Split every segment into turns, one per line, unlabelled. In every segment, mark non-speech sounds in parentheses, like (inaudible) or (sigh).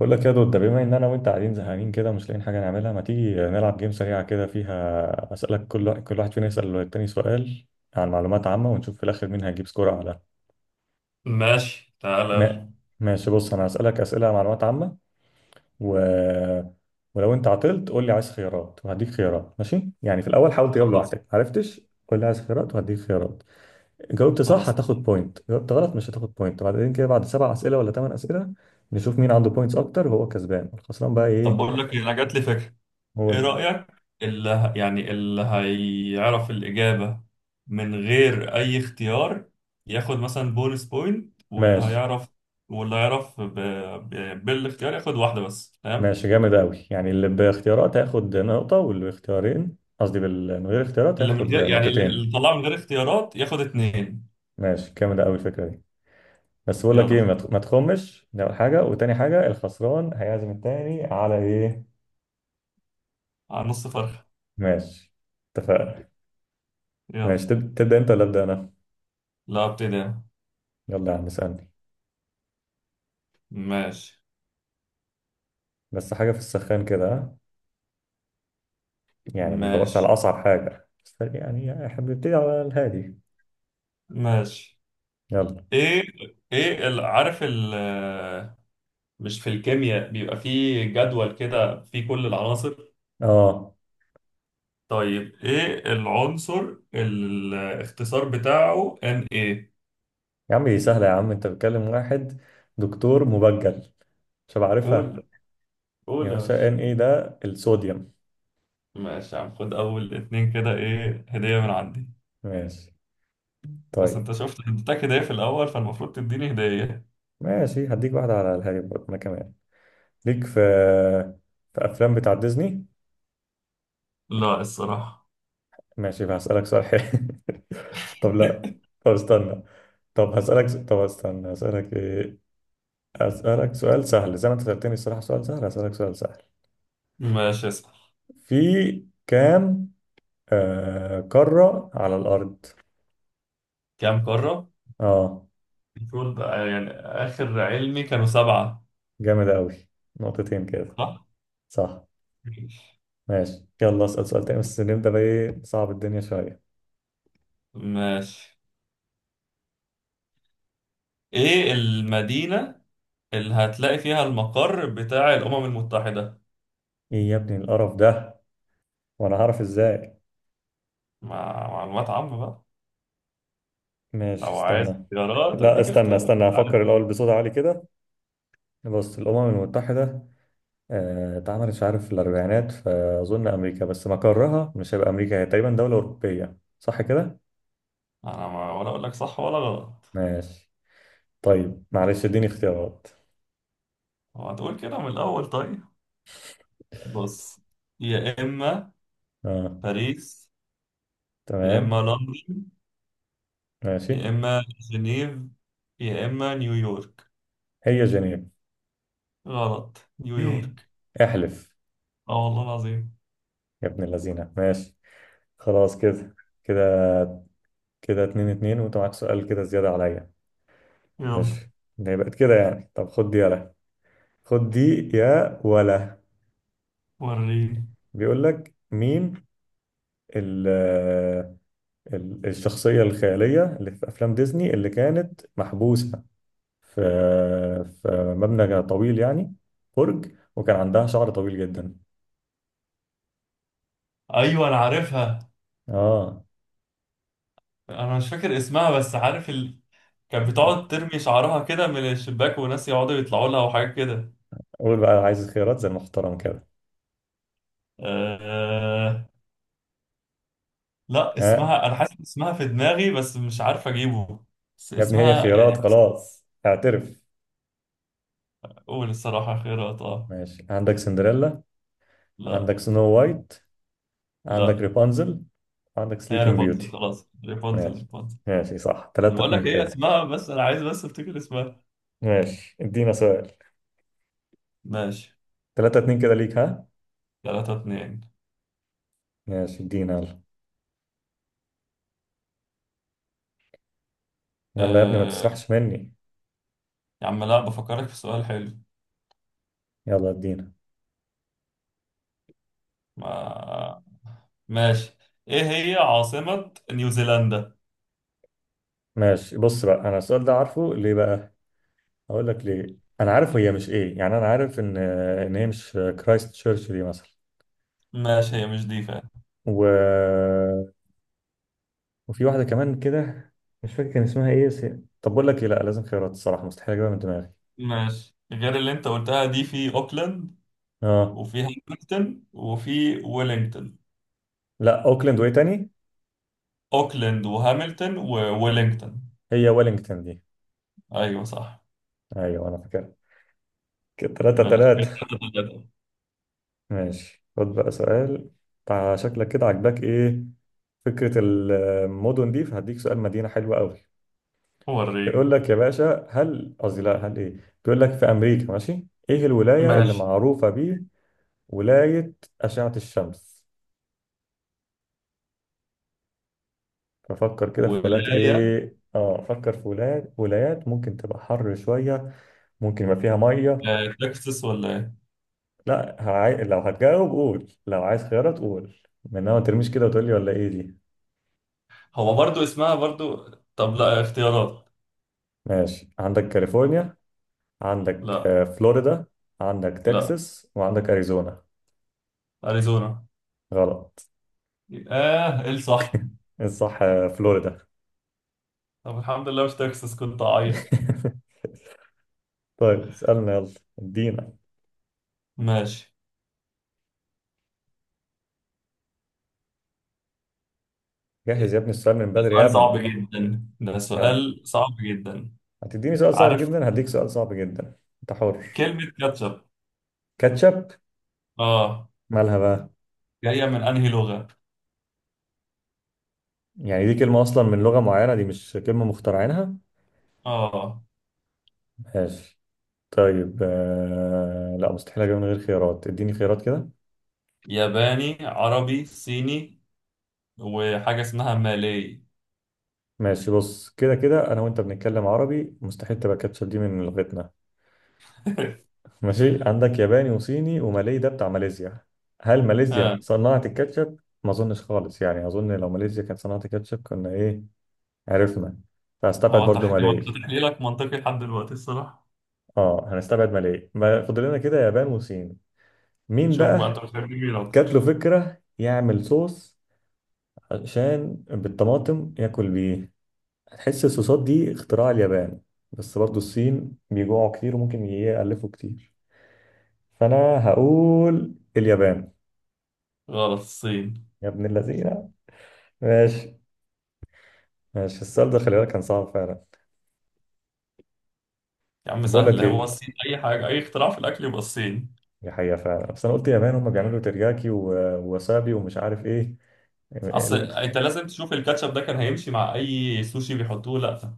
بقول لك يا دود، ده بما ان انا وانت قاعدين زهقانين كده مش لاقيين حاجه نعملها، ما تيجي نلعب جيم سريعه كده فيها اسالك كل واحد فينا يسال التاني سؤال عن معلومات عامه، ونشوف في الاخر مين هيجيب سكور اعلى.
ماشي، تعالى.
ما... ماشي، بص انا هسالك اسئله عن معلومات عامه. و... ولو انت عطلت قول لي عايز خيارات وهديك خيارات، ماشي؟ يعني في الاول حاول تجاوب
خلاص.
لوحدك، عرفتش قول لي عايز خيارات وهديك خيارات. جاوبت صح
خلاص
هتاخد
اتفقنا.
بوينت، جاوبت غلط مش هتاخد بوينت، وبعدين كده بعد سبع اسئله ولا ثمان اسئله نشوف مين عنده بوينتس اكتر وهو كسبان، الخسران بقى ايه.
طب بقول لك إيه، انا جات لي فكره.
هو.
ايه رايك؟ اللي ه- يعني اللي هيعرف الاجابه من غير اي اختيار ياخد مثلا بونس بوينت. واللي
ماشي.
هيعرف واللي هيعرف بالاختيار ياخد واحده بس. تمام؟
ماشي جامد أوي، يعني اللي باختيارات هياخد نقطة واللي باختيارين، قصدي من غير اختيارات
اللي من
هياخد
غير يعني اللي
نقطتين.
اللي طلعه من غير اختيارات ياخد اتنين.
ماشي جامد أوي الفكرة دي. بس بقول لك إيه،
يلا،
ما تخمش ده أول حاجة، وتاني حاجة الخسران هيعزم التاني على إيه؟
على نص فرخه.
ماشي اتفقنا.
يلا،
ماشي تبدأ أنت ولا أبدأ أنا؟
لا ابتدي أنا.
يلا يا عم اسألني.
ماشي.
بس حاجة في السخان كده، ها؟ يعني ما تدورش
ماشي.
على أصعب حاجة، بس يعني إحنا بنبتدي على الهادي.
ماشي.
يلا.
ايه، عارف مش في الكيمياء بيبقى فيه جدول كده فيه كل العناصر؟
آه.
طيب، ايه العنصر الاختصار بتاعه ان ايه؟
يا عم دي سهلة، يا عم أنت بتكلم واحد دكتور مبجل، شباب
قول.
عارفها. يا
قول يا
باشا
باشا.
ان ايه ده؟ الصوديوم.
ماشي يا عم، خد اول اتنين كده، ايه، هدية من عندي.
ماشي.
بس
طيب.
انت شفت، اديتك هدية في الاول فالمفروض تديني هدية.
ماشي هديك واحدة على الهادي برضه انا كمان. ليك في افلام بتاع ديزني؟
لا، الصراحة.
ماشي هسألك سؤال حلو. (laughs) طب لا.
(laughs)
طب استنى. طب طب استنى هسألك ايه. هسألك سؤال سهل زي ما انت سألتني الصراحة، سؤال سهل، هسألك سؤال سهل.
ماشي، اسأل.
في كام قارة على الأرض؟
كام قارة؟
اه.
المفروض يعني اخر علمي كانوا سبعة.
جامد أوي، نقطتين كده.
صح.
صح. ماشي يلا اسأل سؤال تاني، بس نبدأ بقى ايه صعب الدنيا شوية.
ماشي، ايه المدينة اللي هتلاقي فيها المقر بتاع الأمم المتحدة؟
ايه يا ابني القرف ده؟ وانا هعرف ازاي؟
مع معلومات عامة بقى.
ماشي
لو عايز
استنى.
اختيارات
لا
أديك
استنى
اختيارات،
استنى،
عارف.
هفكر الاول بصوت عالي كده. بص، الامم المتحده اتعملت مش عارف في الاربعينات، فاظن امريكا، بس مقرها مش هيبقى امريكا، هي تقريبا دوله اوروبيه، صح كده؟
أنا ما ولا أقول لك صح ولا غلط.
ماشي. طيب معلش اديني اختيارات.
هو هتقول كده من الأول؟ طيب. بص. يا إما
اه.
باريس، يا إما
تمام.
لندن،
ماشي.
يا إما جنيف، يا إما نيويورك.
هي جنيف.
غلط، نيويورك.
(laughs) احلف.
آه والله العظيم.
يا ابن اللذينه، ماشي. خلاص كده. كده. كده 2-2، وانت معاك سؤال كده زياده عليا.
يلا.
ماشي. ده بقت كده يعني، طب خد دي يلا. خد دي يا ولا.
وريني.
بيقول لك مين ال الشخصية الخيالية اللي في أفلام ديزني اللي كانت محبوسة في في مبنى طويل يعني، برج، وكان عندها شعر طويل جدا؟
أيوة، أنا عارفها.
اه.
انا مش فاكر اسمها بس عارف. كان بتقعد ترمي شعرها كده من الشباك، وناس يقعدوا يطلعوا لها وحاجات كده.
قول بقى عايز خيارات زي المحترم كده.
أه... لا،
ها؟
اسمها، انا حاسس اسمها في دماغي بس مش عارف اجيبه. بس
يا ابني هي
اسمها يعني
خيارات،
حاسس.
خلاص اعترف.
اقول الصراحة خيرات، اه.
ماشي، عندك سندريلا،
لا.
عندك سنو وايت، عندك
لا.
ريبانزل، عندك
هي
سليبنج
ريبونزل.
بيوتي.
خلاص ريبونزل
ماشي.
ريبونزل.
ماشي صح، 3
بقول
2
لك هي
كده.
اسمها، بس انا عايز بس افتكر اسمها.
ماشي ادينا سؤال.
ماشي.
3-2 كده ليك، ها.
3-2.
ماشي ادينا يلا. يلا يا ابني ما
أه...
تسرحش مني.
يا عم، لا، بفكرك في سؤال حلو.
يلا ادينا.
ما... ماشي. ايه هي عاصمة نيوزيلندا؟
ماشي بص بقى، انا السؤال ده عارفه ليه بقى؟ اقول لك ليه. انا عارف هي مش ايه، يعني انا عارف ان هي مش كرايست تشيرش دي مثلا.
ماشي، هي مش دي فعلا.
و... وفي واحده كمان كده، مش فاكر كان اسمها ايه بس. طب بقول لك ايه، لا لازم خيارات الصراحه، مستحيل اجيبها من دماغي.
ماشي، غير اللي انت قلتها دي في اوكلاند،
اه
وفي هاملتون، وفي ويلينغتون.
لا. اوكلاند، وايه تاني؟
اوكلاند وهاملتون وويلينغتون.
هي ويلينجتون دي.
ايوه صح.
ايوه انا فاكرها. كده 3
ماشي كده،
3
3-3.
ماشي خد بقى سؤال. شكلك كده عاجباك ايه فكرة المدن دي، فهديك سؤال مدينة حلوة قوي. بيقول
وريني.
لك يا باشا، هل، قصدي لا، هل ايه. بيقول لك في أمريكا، ماشي، ايه الولاية اللي
ماشي.
معروفة بيه؟ ولاية أشعة الشمس. ففكر كده في بلاد
ولاية
ايه، اه فكر في ولايات، ولايات ممكن تبقى حر شوية، ممكن يبقى فيها مية.
تكساس ولا ايه؟
لا، لو هتجاوب قول، لو عايز خيارات قول، من ما ترميش كده وتقول لي ولا ايه دي.
هو برضو اسمها برضو. طب لا، اختيارات.
ماشي، عندك كاليفورنيا، عندك
لا.
فلوريدا، عندك
لا،
تكساس، وعندك أريزونا.
اريزونا.
غلط.
اه، ايه الصح؟
الصح فلوريدا.
طب الحمد لله مش تكساس، كنت اعيط.
(laughs) طيب اسألنا يلا. ادينا.
ماشي.
جهز يا ابني السؤال من
ده
بدري يا
سؤال صعب
ابني.
جدا، ده
يلا.
سؤال صعب جدا.
هتديني سؤال صعب
عارف.
جدا هديك سؤال صعب جدا. انت حر.
كلمة كاتشب.
كاتشب.
اه.
مالها بقى؟
جاية من انهي لغة؟
يعني دي كلمة أصلا من لغة معينة، دي مش كلمة مخترعينها.
اه.
ماشي. طيب لا مستحيل أجيبها من غير خيارات، اديني خيارات كده.
ياباني، عربي، صيني، وحاجة اسمها مالي.
ماشي، بص كده كده أنا وأنت بنتكلم عربي، مستحيل تبقى كاتشب دي من لغتنا.
(laughs)
ماشي، عندك ياباني وصيني ومالي، ده بتاع ماليزيا. هل
ها.
ماليزيا صنعت الكاتشب؟ ما اظنش خالص، يعني اظن لو ماليزيا كانت صنعت الكاتشب كنا ايه، عرفنا. فهستبعد برضو
هو انت
مالي.
تحليلك منطقي لحد دلوقتي، الصراحة.
اه هنستبعد مالي، ما فاضل لنا كده يابان وصين. مين
شوف بقى، انت
بقى؟
بتحب مين
جات
اكتر؟
له فكرة يعمل صوص عشان بالطماطم ياكل بيه، هتحس الصوصات دي اختراع اليابان، بس برضو الصين بيجوعوا كتير وممكن يألفوا كتير، فانا هقول اليابان.
غلط، الصين.
يا ابن اللذينة. ماشي. ماشي السؤال ده خلي بالك كان صعب فعلا.
يا عم
طب بقول
سهل،
لك
هو
ايه،
الصين اي حاجة، اي اختراع في الاكل يبقى الصين.
دي حقيقة فعلا، بس انا قلت يابان هم بيعملوا ترياكي ووسابي ومش عارف ايه
اصل
ال-
انت لازم تشوف الكاتشب ده كان هيمشي مع اي سوشي بيحطوه؟ لا.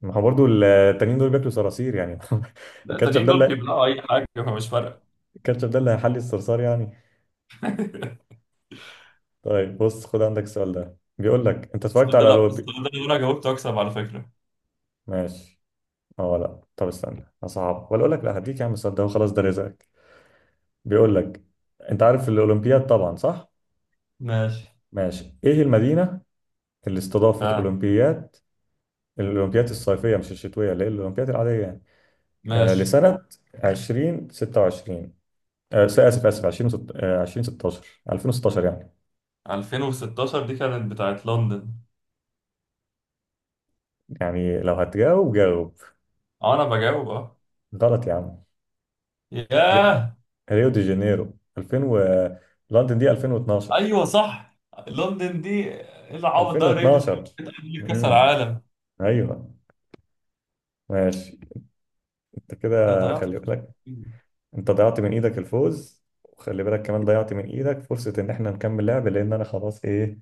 ما هو برضه التانيين دول بياكلوا صراصير يعني. (laughs)
لا،
الكاتشب
التانيين
ده
دول
اللي
بيبلعوا اي حاجة فمش فارقة.
الكاتشب ده اللي هيحلي الصرصار يعني.
(laughs)
طيب بص خد عندك السؤال ده، بيقول لك انت
بس
اتفرجت
ده،
على
لا، بس ده
لوبي.
لو انا جاوبته اكسب على فكرة.
ماشي. اه لا، طب استنى صعب، ولا اقول لك لا، هديك يا عم السؤال ده وخلاص ده رزقك. بيقول لك انت عارف الاولمبياد طبعا، صح؟
ماشي.
ماشي. ايه المدينة اللي استضافت
فعلا.
اولمبياد الأولمبياد الصيفية مش الشتوية، اللي هي الأولمبياد العادية يعني،
ماشي.
لسنة 2026؟ آسف آسف، 20 2016. 2016 يعني.
2016 دي كانت بتاعت لندن.
يعني لو هتجاوب جاوب.
اه، انا بجاوب اه.
غلط يا عم. ري-
ياه.
ريو دي جانيرو 2000 لندن دي 2012.
ايوه صح. لندن دي، ايه العبط ده؟ ريال مدريد
2012.
بتأهل لكأس
امم.
العالم.
ايوه. ماشي. انت
ده
كده،
ضيعت
خلي
الفرصة.
بالك انت ضيعت من ايدك الفوز، وخلي بالك كمان ضيعت من ايدك فرصة ان احنا نكمل لعب، لان انا خلاص ايه،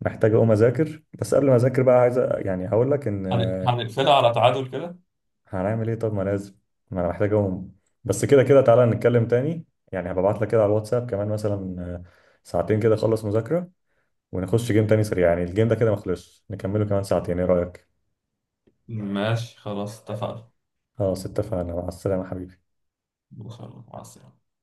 محتاج اقوم اذاكر. بس قبل ما اذاكر بقى عايز يعني هقول لك ان
هنقفلها على تعادل كده.
هنعمل ايه طب، ما لازم، ما انا محتاج اقوم بس. كده كده تعالى نتكلم تاني، يعني هبعت لك كده على الواتساب كمان مثلا ساعتين كده اخلص مذاكرة ونخش جيم تاني سريع. يعني الجيم ده كده ما خلصش، نكمله كمان ساعتين، ايه رأيك؟
ماشي، خلاص اتفقنا.
خلاص اتفقنا، مع السلامة حبيبي.
ان شاء الله، مع السلامة.